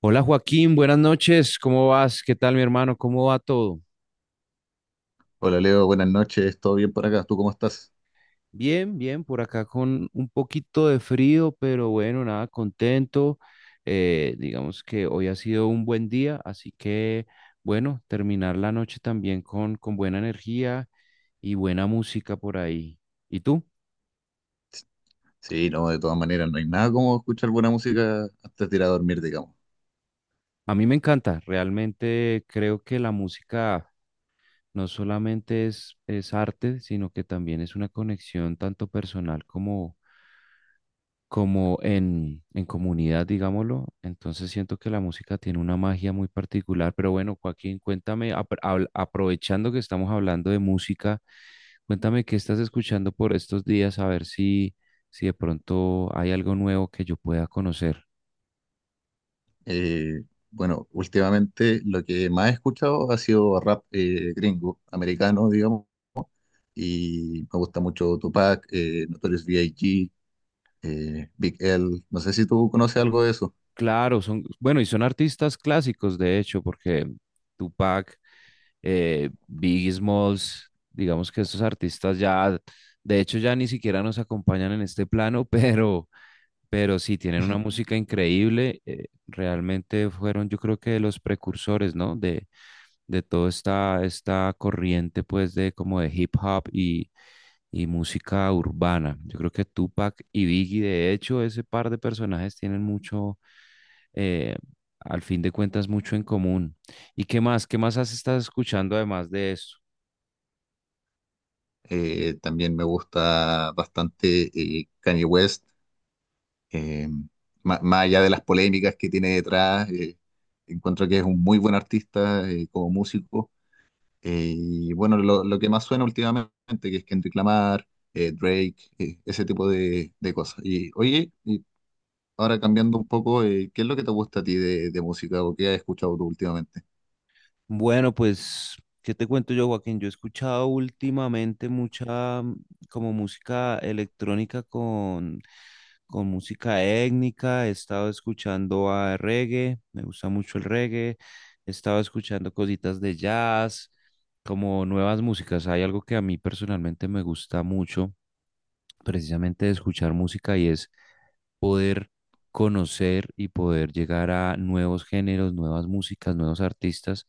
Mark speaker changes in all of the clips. Speaker 1: Hola Joaquín, buenas noches, ¿cómo vas? ¿Qué tal mi hermano? ¿Cómo va todo?
Speaker 2: Hola Leo, buenas noches, ¿todo bien por acá? ¿Tú cómo estás?
Speaker 1: Bien, bien, por acá con un poquito de frío, pero bueno, nada, contento. Digamos que hoy ha sido un buen día, así que bueno, terminar la noche también con buena energía y buena música por ahí. ¿Y tú?
Speaker 2: Sí, no, de todas maneras, no hay nada como escuchar buena música antes de ir a dormir, digamos.
Speaker 1: A mí me encanta, realmente creo que la música no solamente es arte, sino que también es una conexión tanto personal como como en comunidad, digámoslo. Entonces siento que la música tiene una magia muy particular, pero bueno, Joaquín, cuéntame, aprovechando que estamos hablando de música, cuéntame qué estás escuchando por estos días, a ver si, si de pronto hay algo nuevo que yo pueda conocer.
Speaker 2: Eh, bueno, últimamente lo que más he escuchado ha sido rap gringo, americano, digamos, y me gusta mucho Tupac, Notorious B.I.G., Big L, no sé si tú conoces algo de eso.
Speaker 1: Claro, son, bueno, y son artistas clásicos, de hecho, porque Tupac, Biggie Smalls, digamos que estos artistas ya, de hecho, ya ni siquiera nos acompañan en este plano, pero... Pero sí, tienen una música increíble. Realmente fueron, yo creo que los precursores, ¿no? De toda esta corriente, pues, de como de hip hop y música urbana. Yo creo que Tupac y Biggie, de hecho, ese par de personajes tienen mucho, eh, al fin de cuentas, mucho en común. ¿Y qué más? ¿Qué más has estado escuchando además de eso?
Speaker 2: También me gusta bastante Kanye West. Eh, Más allá de las polémicas que tiene detrás, encuentro que es un muy buen artista como músico. Y bueno, lo que más suena últimamente, que es Kendrick Lamar, Drake, ese tipo de cosas. Y oye, y ahora cambiando un poco, ¿qué es lo que te gusta a ti de música o qué has escuchado tú últimamente?
Speaker 1: Bueno, pues, ¿qué te cuento yo, Joaquín? Yo he escuchado últimamente mucha como música electrónica con música étnica, he estado escuchando a reggae, me gusta mucho el reggae, he estado escuchando cositas de jazz, como nuevas músicas. Hay algo que a mí personalmente me gusta mucho, precisamente de escuchar música y es poder conocer y poder llegar a nuevos géneros, nuevas músicas, nuevos artistas.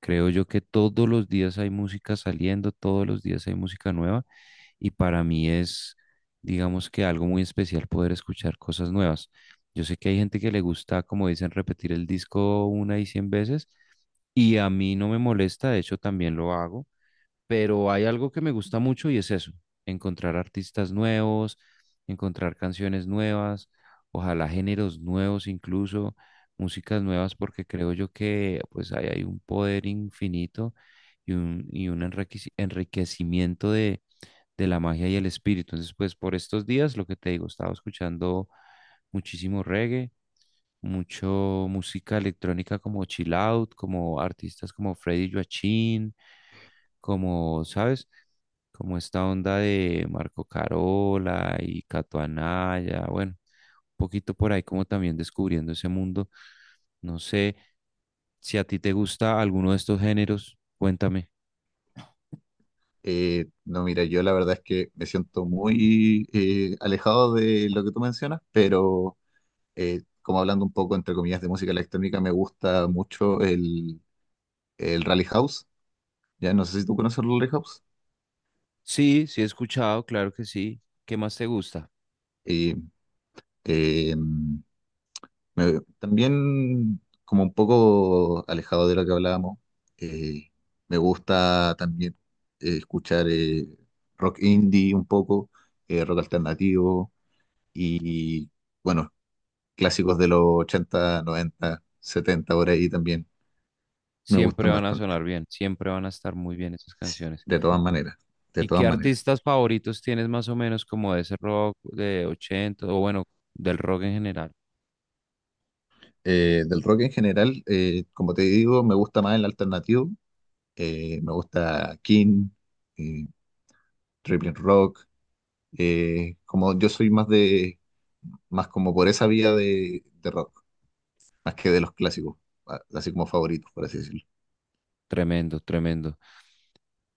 Speaker 1: Creo yo que todos los días hay música saliendo, todos los días hay música nueva y para mí es, digamos que algo muy especial poder escuchar cosas nuevas. Yo sé que hay gente que le gusta, como dicen, repetir el disco una y cien veces y a mí no me molesta, de hecho también lo hago, pero hay algo que me gusta mucho y es eso, encontrar artistas nuevos, encontrar canciones nuevas, ojalá géneros nuevos incluso, músicas nuevas, porque creo yo que pues ahí hay un poder infinito y y un enriquecimiento de la magia y el espíritu. Entonces, pues por estos días, lo que te digo, estaba escuchando muchísimo reggae, mucho música electrónica como chill out, como artistas como Freddy Joachim, como, ¿sabes? Como esta onda de Marco Carola y Cato Anaya, bueno, un poquito por ahí como también descubriendo ese mundo. No sé si a ti te gusta alguno de estos géneros, cuéntame.
Speaker 2: No, mira, yo la verdad es que me siento muy alejado de lo que tú mencionas, pero como hablando un poco entre comillas de música electrónica, me gusta mucho el Rally House. Ya no sé si tú conoces el Rally House.
Speaker 1: Sí, sí he escuchado, claro que sí. ¿Qué más te gusta?
Speaker 2: Y eh, mm, También, como un poco alejado de lo que hablábamos, eh, me gusta también escuchar rock indie un poco, rock alternativo y, bueno, clásicos de los 80, 90, 70, por ahí también. Me
Speaker 1: Siempre
Speaker 2: gustan
Speaker 1: van a
Speaker 2: bastante,
Speaker 1: sonar bien, siempre van a estar muy bien esas canciones.
Speaker 2: de todas maneras, de
Speaker 1: ¿Y qué
Speaker 2: todas maneras.
Speaker 1: artistas favoritos tienes más o menos como de ese rock de 80 o bueno, del rock en general?
Speaker 2: Del rock en general, como te digo, me gusta más el alternativo. Me gusta King, eh, Tripping Rock. Como yo soy más de, más como por esa vía de rock, más que de los clásicos, así como favoritos, por así decirlo.
Speaker 1: Tremendo, tremendo.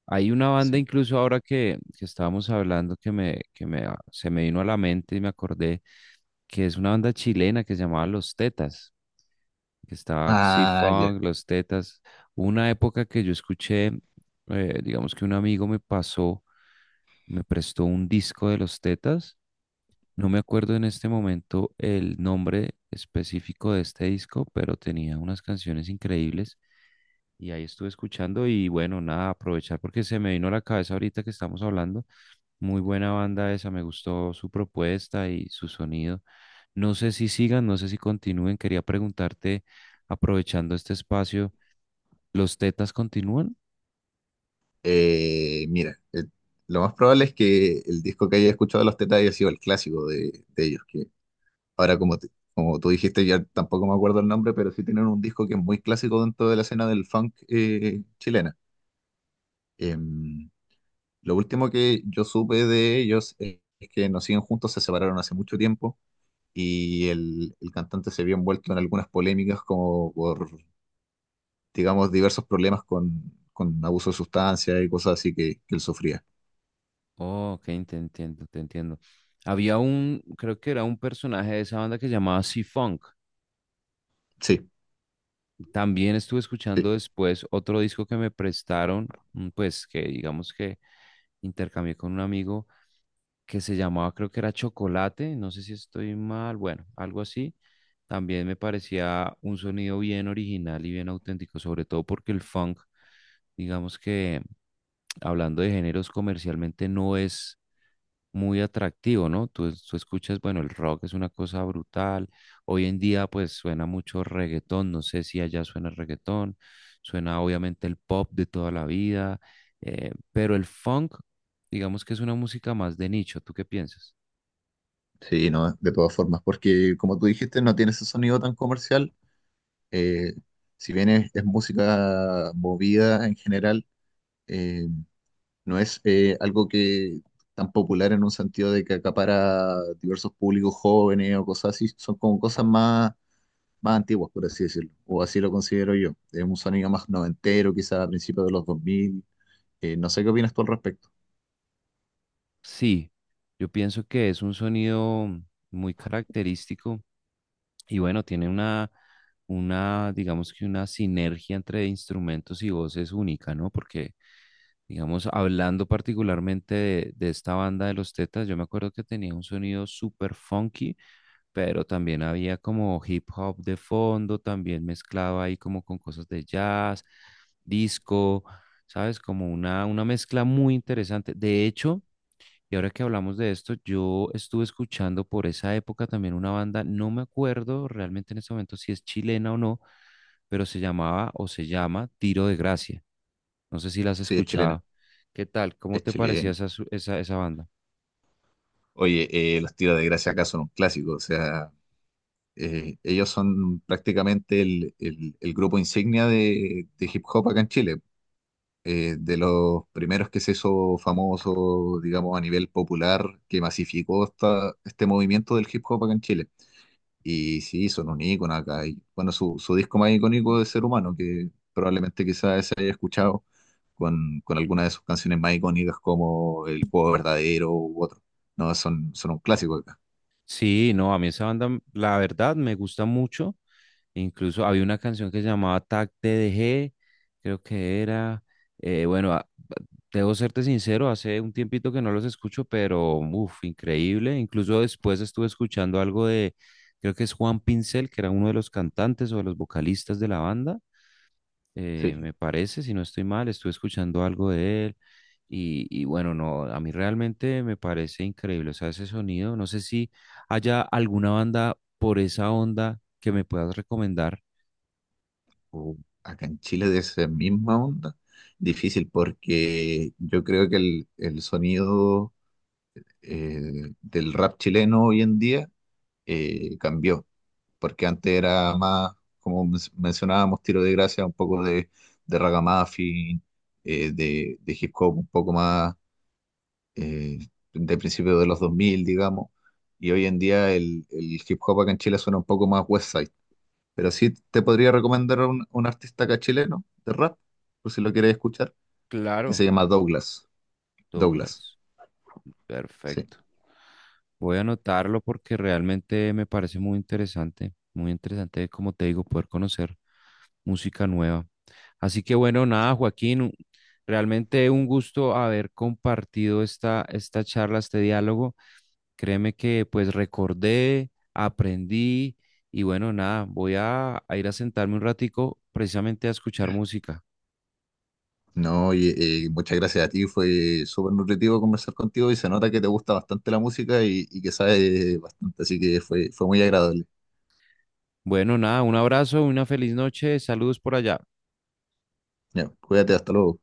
Speaker 1: Hay una banda
Speaker 2: Sí.
Speaker 1: incluso ahora que estábamos hablando que me ah, se me vino a la mente y me acordé que es una banda chilena que se llamaba Los Tetas, que estaba
Speaker 2: Ah, ya.
Speaker 1: Xi-Funk, Los Tetas. Hubo una época que yo escuché, digamos que un amigo me pasó, me prestó un disco de Los Tetas. No me acuerdo en este momento el nombre específico de este disco, pero tenía unas canciones increíbles y ahí estuve escuchando y bueno, nada, aprovechar porque se me vino a la cabeza ahorita que estamos hablando. Muy buena banda esa, me gustó su propuesta y su sonido. No sé si sigan, no sé si continúen. Quería preguntarte, aprovechando este espacio, ¿los Tetas continúan?
Speaker 2: Mira, lo más probable es que el disco que haya escuchado de los Tetas haya sido el clásico de ellos, que ahora, como tú dijiste, ya tampoco me acuerdo el nombre, pero sí tienen un disco que es muy clásico dentro de la escena del funk chilena. Em, lo último que yo supe de ellos es que no siguen juntos, se separaron hace mucho tiempo y el cantante se vio envuelto en algunas polémicas como por, digamos, diversos problemas con abuso de sustancias y cosas así que él sufría.
Speaker 1: Oh, ok, te entiendo, te entiendo. Había un, creo que era un personaje de esa banda que se llamaba C-Funk.
Speaker 2: Sí,
Speaker 1: También estuve
Speaker 2: sí,
Speaker 1: escuchando después otro disco que me prestaron, pues que digamos que intercambié con un amigo que se llamaba, creo que era Chocolate, no sé si estoy mal, bueno, algo así. También me parecía un sonido bien original y bien auténtico, sobre todo porque el funk, digamos que hablando de géneros comercialmente, no es muy atractivo, ¿no? Tú escuchas, bueno, el rock es una cosa brutal. Hoy en día, pues suena mucho reggaetón. No sé si allá suena reggaetón. Suena obviamente el pop de toda la vida. Pero el funk, digamos que es una música más de nicho. ¿Tú qué piensas?
Speaker 2: sí, no, de todas formas, porque como tú dijiste, no tiene ese sonido tan comercial, eh, si bien es música movida en general, eh, no es algo que tan popular en un sentido de que acapara diversos públicos jóvenes o cosas así, son como cosas más, más antiguas, por así decirlo, o así lo considero yo. Es un sonido más noventero, quizás a principios de los 2000. No sé qué opinas tú al respecto.
Speaker 1: Sí, yo pienso que es un sonido muy característico. Y bueno, tiene una, digamos que una sinergia entre instrumentos y voces única, ¿no? Porque, digamos, hablando particularmente de esta banda de los Tetas, yo me acuerdo que tenía un sonido súper funky, pero también había como hip hop de fondo, también mezclaba ahí como con cosas de jazz, disco, ¿sabes? Como una mezcla muy interesante. De hecho, y ahora que hablamos de esto, yo estuve escuchando por esa época también una banda, no me acuerdo realmente en este momento si es chilena o no, pero se llamaba o se llama Tiro de Gracia. No sé si las has
Speaker 2: Sí, es chilena,
Speaker 1: escuchado. ¿Qué tal? ¿Cómo
Speaker 2: es
Speaker 1: te parecía
Speaker 2: chilena.
Speaker 1: esa, su- esa, esa banda?
Speaker 2: Oye, los tiros de gracia acá son un clásico, o sea, ellos son prácticamente el grupo insignia de hip hop acá en Chile. De los primeros que se hizo famoso, digamos, a nivel popular, que masificó este movimiento del hip hop acá en Chile. Y sí, son un ícono acá. Y, bueno, su disco más icónico de Ser Humano, que probablemente quizás se haya escuchado con alguna de sus canciones más icónicas como El Juego Verdadero u otro. No, son, son un clásico acá.
Speaker 1: Sí, no, a mí esa banda, la verdad, me gusta mucho. Incluso había una canción que se llamaba Tac TDG, creo que era, eh, bueno, a- debo serte sincero, hace un tiempito que no los escucho, pero uff, increíble. Incluso después estuve escuchando algo de, creo que es Juan Pincel, que era uno de los cantantes o de los vocalistas de la banda,
Speaker 2: Sí.
Speaker 1: me parece, si no estoy mal, estuve escuchando algo de él. Y bueno, no, a mí realmente me parece increíble, o sea, ese sonido, no sé si haya alguna banda por esa onda que me puedas recomendar.
Speaker 2: Uh, acá en Chile de esa misma onda, difícil porque yo creo que el sonido del rap chileno hoy en día cambió, porque antes era más, como mencionábamos, Tiro de Gracia, un poco de ragamuffin, de hip hop un poco más eh, de principios de los 2000, digamos, y hoy en día el hip hop acá en Chile suena un poco más West, pero sí te podría recomendar un artista acá chileno de rap, por si lo quieres escuchar, que se
Speaker 1: Claro,
Speaker 2: llama Douglas. Douglas,
Speaker 1: Douglas.
Speaker 2: sí.
Speaker 1: Perfecto. Voy a anotarlo porque realmente me parece muy interesante, como te digo, poder conocer música nueva. Así que bueno, nada, Joaquín, realmente un gusto haber compartido esta, esta charla, este diálogo. Créeme que pues recordé, aprendí y bueno, nada, voy a ir a sentarme un ratico precisamente a escuchar música.
Speaker 2: No, y, muchas gracias a ti, fue súper nutritivo conversar contigo y se nota que te gusta bastante la música y que sabes bastante, así que fue, fue muy agradable.
Speaker 1: Bueno, nada, un abrazo, una feliz noche, saludos por allá.
Speaker 2: Ya, cuídate, hasta luego.